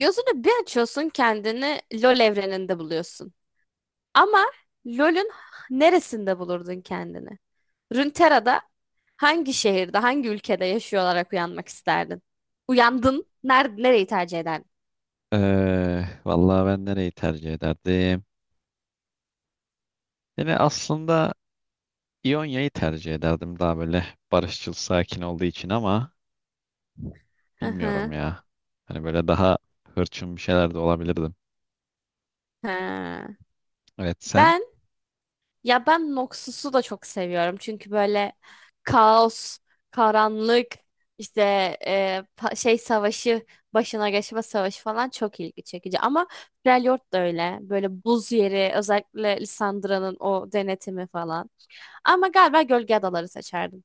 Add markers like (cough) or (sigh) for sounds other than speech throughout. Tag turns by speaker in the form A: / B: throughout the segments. A: Gözünü bir açıyorsun, kendini LoL evreninde buluyorsun. Ama LoL'ün neresinde bulurdun kendini? Runeterra'da hangi şehirde, hangi ülkede yaşıyor olarak uyanmak isterdin? Uyandın, nereyi tercih ederdin?
B: Vallahi ben nereyi tercih ederdim? Yani aslında İonya'yı tercih ederdim, daha böyle barışçıl, sakin olduğu için, ama
A: Hı
B: bilmiyorum
A: hı.
B: ya. Hani böyle daha hırçın bir şeyler de olabilirdim.
A: Ha.
B: Evet, sen?
A: Ben Ya ben Noxus'u da çok seviyorum. Çünkü böyle kaos, karanlık, işte şey savaşı, başına geçme savaşı falan çok ilgi çekici. Ama Freljord da öyle. Böyle buz yeri, özellikle Lissandra'nın o denetimi falan. Ama galiba Gölge Adaları seçerdim.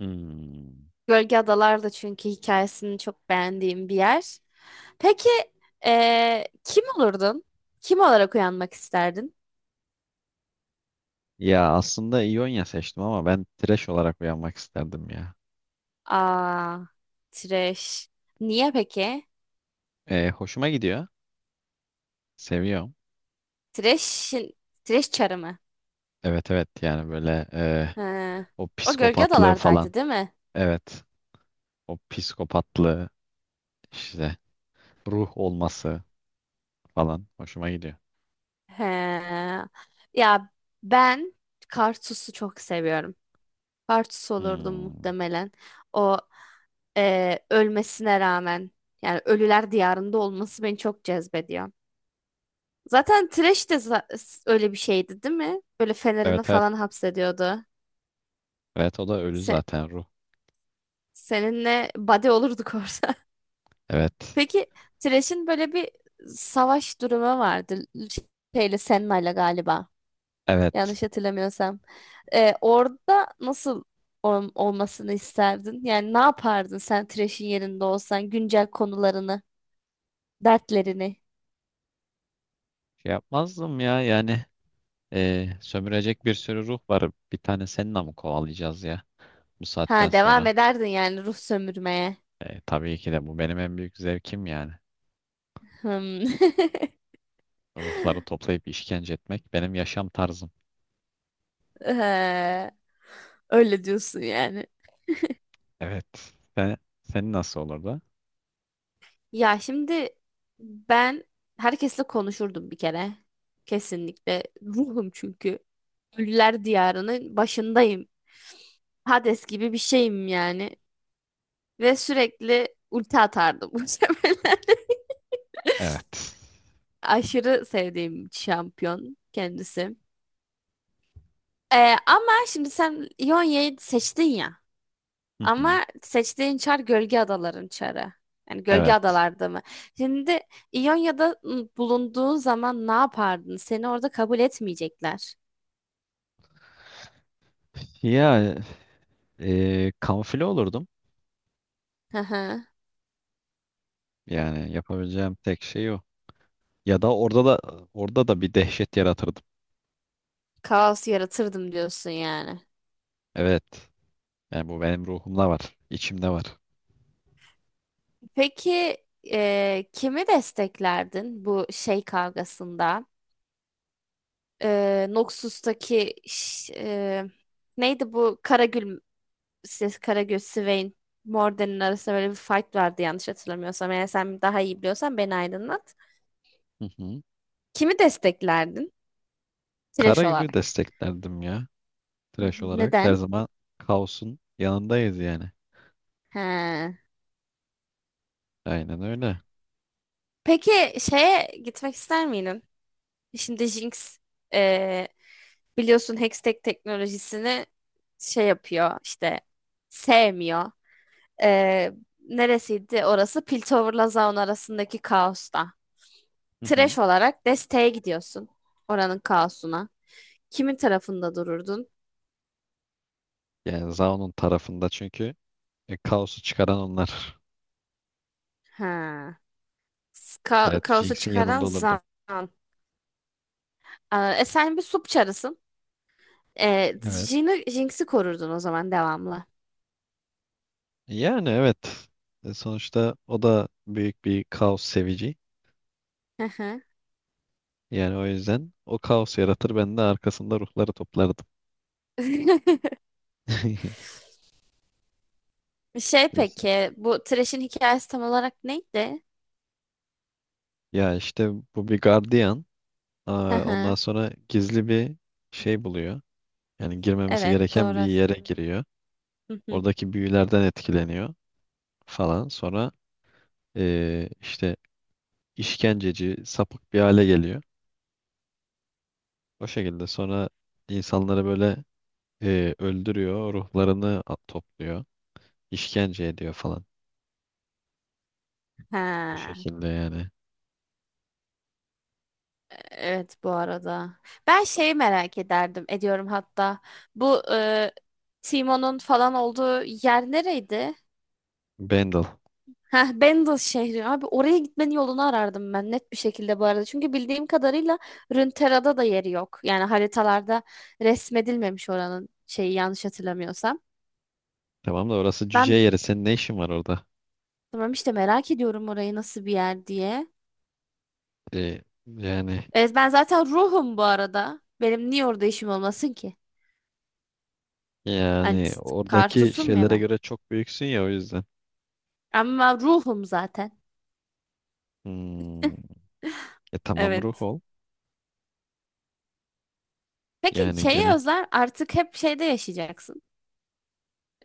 B: Hmm.
A: Gölge Adalar da, çünkü hikayesini çok beğendiğim bir yer. Peki kim olurdun? Kim olarak uyanmak isterdin?
B: Ya aslında İonya seçtim ama ben Thresh olarak uyanmak isterdim ya.
A: Aa, Tireş. Niye peki?
B: Hoşuma gidiyor. Seviyorum.
A: Tireş'in Tireş çarı mı?
B: Evet, evet, yani böyle
A: He.
B: o
A: O gölge
B: psikopatlığı falan.
A: adalardaydı değil mi?
B: Evet, o psikopatlığı işte, ruh olması falan hoşuma gidiyor.
A: He. Ya ben Kartus'u çok seviyorum. Kartus olurdum
B: Hmm.
A: muhtemelen. O ölmesine rağmen, yani ölüler diyarında olması beni çok cezbediyor. Zaten Thresh de öyle bir şeydi değil mi? Böyle fenerini
B: Evet, evet.
A: falan hapsediyordu.
B: Evet, o da ölü
A: Se-
B: zaten, ruh.
A: seninle buddy olurduk orada.
B: Evet.
A: Peki Thresh'in böyle bir savaş durumu vardı. Şeyle Senna'yla galiba.
B: Evet.
A: Yanlış hatırlamıyorsam. Orada nasıl olmasını isterdin? Yani ne yapardın sen Thresh'in yerinde olsan, güncel konularını, dertlerini?
B: Şey yapmazdım ya, yani sömürecek bir sürü ruh var. Bir tane seninle mi kovalayacağız ya bu saatten
A: Ha, devam
B: sonra?
A: ederdin yani ruh sömürmeye.
B: Tabii ki de, bu benim en büyük zevkim yani.
A: Hmm. (laughs)
B: Ruhları toplayıp işkence etmek benim yaşam tarzım.
A: Ee, öyle diyorsun yani.
B: Evet. Senin nasıl olurdu?
A: Ya şimdi ben herkesle konuşurdum bir kere. Kesinlikle. Ruhum çünkü. Ölüler diyarının başındayım. Hades gibi bir şeyim yani. Ve sürekli ulti atardım (laughs) bu sefer.
B: Evet.
A: Aşırı sevdiğim şampiyon kendisi. Ee, ama şimdi sen Ionia'yı seçtin ya.
B: Hı hı.
A: Ama seçtiğin çar gölge adaların çarı. Yani gölge
B: Evet.
A: adalarda mı? Şimdi İonya'da bulunduğun zaman ne yapardın? Seni orada kabul etmeyecekler.
B: Ya kamufle olurdum.
A: Hı hı.
B: Yani yapabileceğim tek şey o. Ya da orada da bir dehşet yaratırdım.
A: Kaos yaratırdım diyorsun yani.
B: Evet. Yani bu benim ruhumda var, içimde var.
A: Peki kimi desteklerdin bu şey kavgasında? Noxus'taki neydi bu Karagül ses Karagül Swain Morden'in arasında böyle bir fight vardı yanlış hatırlamıyorsam. Eğer sen daha iyi biliyorsan beni aydınlat.
B: Hı hı.
A: Kimi desteklerdin? Trash
B: Karagül'ü
A: olarak.
B: desteklerdim ya.
A: Hı hı.
B: Trash olarak. Her
A: Neden?
B: zaman kaosun yanındayız yani.
A: He.
B: Aynen öyle.
A: Peki şeye gitmek ister miydin? Şimdi Jinx, e, biliyorsun, Hextech teknolojisini şey yapıyor işte, sevmiyor. E, neresiydi orası? Piltover'la Zaun arasındaki kaosta.
B: Hı
A: Trash
B: hı.
A: olarak desteğe gidiyorsun. Oranın kaosuna. Kimin tarafında dururdun?
B: Yani Zaun'un tarafında, çünkü kaosu çıkaran onlar.
A: Ha.
B: Evet,
A: Kaosu
B: Jinx'in
A: çıkaran
B: yanında olurdum.
A: Zaun. Aa, sen bir sup çarısın.
B: Evet.
A: Jinx'i korurdun o zaman devamlı.
B: Yani evet. Sonuçta o da büyük bir kaos sevici.
A: Hı hı.
B: Yani o yüzden o kaos yaratır, ben de arkasında ruhları toplardım.
A: (laughs)
B: (laughs)
A: Şey, peki bu Thresh'in hikayesi tam olarak neydi?
B: Ya işte, bu bir gardiyan.
A: Hı
B: Aa, ondan
A: hı.
B: sonra gizli bir şey buluyor. Yani girmemesi
A: Evet
B: gereken bir
A: doğru.
B: yere giriyor.
A: Hı hı.
B: Oradaki büyülerden etkileniyor falan. Sonra işte işkenceci, sapık bir hale geliyor. O şekilde sonra insanları böyle öldürüyor, ruhlarını at topluyor, işkence ediyor falan. O
A: Ha,
B: şekilde yani.
A: evet, bu arada. Ben şeyi merak ederdim, ediyorum hatta. Bu Teemo'nun falan olduğu yer nereydi?
B: Bendel,
A: Heh, Bendel şehri. Abi oraya gitmenin yolunu arardım ben net bir şekilde, bu arada. Çünkü bildiğim kadarıyla Runeterra'da da yeri yok. Yani haritalarda resmedilmemiş oranın şeyi, yanlış hatırlamıyorsam.
B: tamam da orası cüce
A: Ben
B: yeri. Senin ne işin var orada?
A: tamam işte, merak ediyorum orayı nasıl bir yer diye.
B: E, yani
A: Evet ben zaten ruhum, bu arada. Benim niye orada işim olmasın ki? Hani t-
B: yani oradaki
A: kartusum ya
B: şeylere
A: ben.
B: göre çok büyüksün ya, o yüzden.
A: Ama ruhum zaten.
B: Hmm, tamam, ruh
A: Evet.
B: ol.
A: Peki
B: Yani
A: şeye
B: gene
A: özel, artık hep şeyde yaşayacaksın.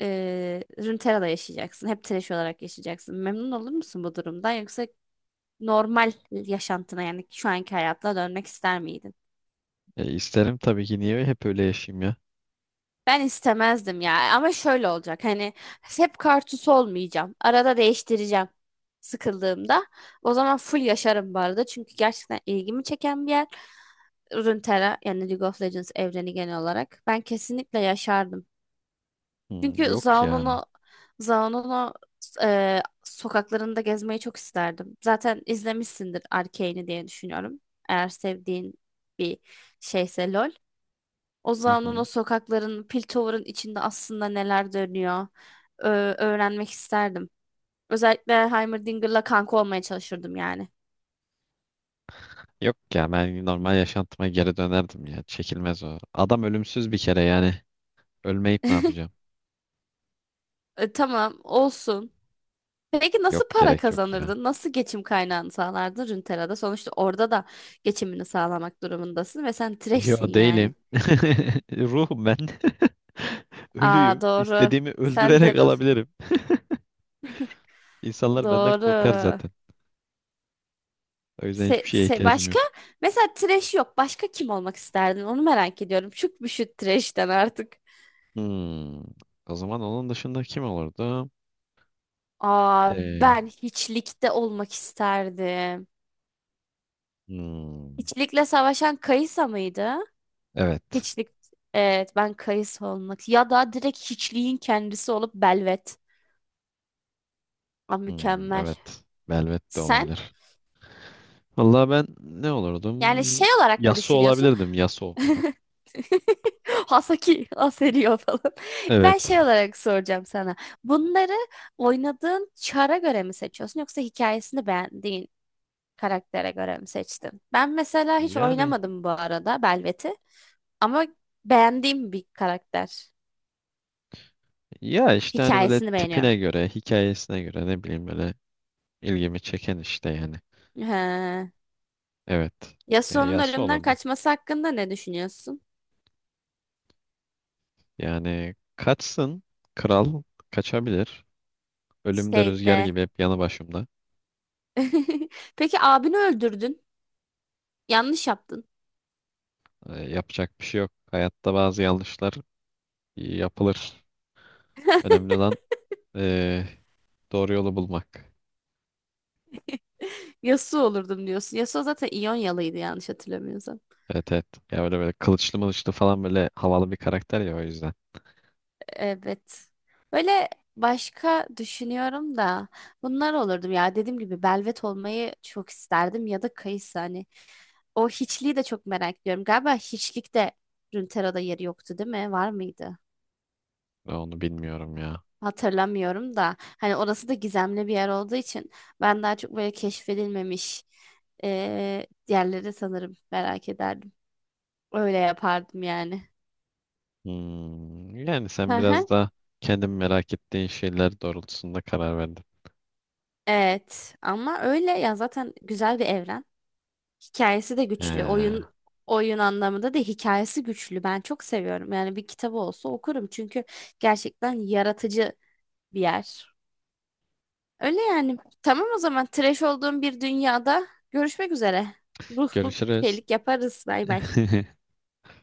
A: Runeterra'da yaşayacaksın. Hep trash olarak yaşayacaksın. Memnun olur musun bu durumdan? Yoksa normal yaşantına, yani şu anki hayatına dönmek ister miydin?
B: isterim tabii ki, niye hep öyle yaşayayım ya?
A: Ben istemezdim ya. Ama şöyle olacak. Hani hep kartuş olmayacağım. Arada değiştireceğim sıkıldığımda. O zaman full yaşarım bu arada. Çünkü gerçekten ilgimi çeken bir yer. Runeterra yani League of Legends evreni genel olarak. Ben kesinlikle yaşardım.
B: Hmm,
A: Çünkü
B: yok ya.
A: Zaun'unu sokaklarında gezmeyi çok isterdim. Zaten izlemişsindir Arcane'i diye düşünüyorum. Eğer sevdiğin bir şeyse LOL. O
B: Hı
A: Zaun'un o
B: hı.
A: sokakların, Piltover'ın içinde aslında neler dönüyor ö- öğrenmek isterdim. Özellikle Heimerdinger'la kanka olmaya çalışırdım yani.
B: Yok ya, ben normal yaşantıma geri dönerdim ya. Çekilmez o. Adam ölümsüz bir kere yani. Ölmeyip ne yapacağım?
A: (laughs) Tamam olsun. Peki
B: Yok,
A: nasıl para
B: gerek yok ya.
A: kazanırdın? Nasıl geçim kaynağını sağlardın Runeterra'da? Sonuçta orada da geçimini sağlamak durumundasın ve sen
B: Yo,
A: trash'sin yani.
B: değilim. (laughs) Ruhum ben. (laughs) Ölüyüm.
A: Aa doğru.
B: İstediğimi
A: Sen de
B: öldürerek
A: Ruh.
B: alabilirim. (laughs) İnsanlar benden korkar
A: Doğru.
B: zaten. O yüzden hiçbir şeye ihtiyacım yok.
A: Başka? Mesela trash yok. Başka kim olmak isterdin? Onu merak ediyorum. Çok bir şu trash'ten artık.
B: Hmm. O zaman onun dışında kim olurdu?
A: Aa,
B: Ee,
A: ben hiçlikte olmak isterdim.
B: hmm.
A: Hiçlikle savaşan Kayısa mıydı?
B: Evet.
A: Hiçlik. Evet, ben Kayısa olmak. Ya da direkt hiçliğin kendisi olup Belvet. Aa,
B: Hmm,
A: mükemmel.
B: evet. Velvet de
A: Sen,
B: olabilir. Vallahi ben ne olurdum?
A: yani şey olarak mı
B: Yasuo
A: düşünüyorsun?
B: olabilirdim. Yasuo.
A: (laughs) (laughs) Hasaki, Aseriyo falan. Ben
B: Evet.
A: şey olarak soracağım sana. Bunları oynadığın çara göre mi seçiyorsun, yoksa hikayesini beğendiğin karaktere göre mi seçtin? Ben mesela hiç
B: Yani
A: oynamadım bu arada Belvet'i, ama beğendiğim bir karakter.
B: ya işte hani böyle
A: Hikayesini beğeniyorum.
B: tipine göre, hikayesine göre, ne bileyim, böyle ilgimi çeken işte yani.
A: He.
B: Evet.
A: Yasuo'nun
B: Yası
A: ölümden
B: olurdu.
A: kaçması hakkında ne düşünüyorsun?
B: Yani kaçsın. Kral kaçabilir. Ölümde rüzgar
A: Şeyde.
B: gibi hep yanı başımda.
A: (laughs) Peki abini öldürdün. Yanlış yaptın.
B: Yapacak bir şey yok. Hayatta bazı yanlışlar yapılır.
A: (laughs)
B: Önemli olan e, doğru yolu bulmak.
A: Yasuo olurdum diyorsun. Yasuo zaten İyonyalıydı yanlış hatırlamıyorsam.
B: Evet, evet. Ya böyle böyle kılıçlı mılıçlı falan, böyle havalı bir karakter ya, o yüzden.
A: Evet. Böyle başka düşünüyorum da bunlar olurdum ya. Dediğim gibi Belvet olmayı çok isterdim, ya da Kayısı hani. O hiçliği de çok merak ediyorum. Galiba hiçlikte Runeterra'da yeri yoktu değil mi? Var mıydı?
B: Ben onu bilmiyorum ya.
A: Hatırlamıyorum da. Hani orası da gizemli bir yer olduğu için ben daha çok böyle keşfedilmemiş yerleri sanırım merak ederdim. Öyle yapardım yani.
B: Hmm, yani sen biraz
A: (laughs)
B: da kendin merak ettiğin şeyler doğrultusunda karar verdin.
A: Evet, ama öyle ya, zaten güzel bir evren. Hikayesi de güçlü.
B: He.
A: Oyun anlamında da hikayesi güçlü. Ben çok seviyorum. Yani bir kitabı olsa okurum, çünkü gerçekten yaratıcı bir yer. Öyle yani. Tamam, o zaman trash olduğum bir dünyada görüşmek üzere. Ruhluk
B: Görüşürüz.
A: şeylik yaparız. Bay bay.
B: (laughs)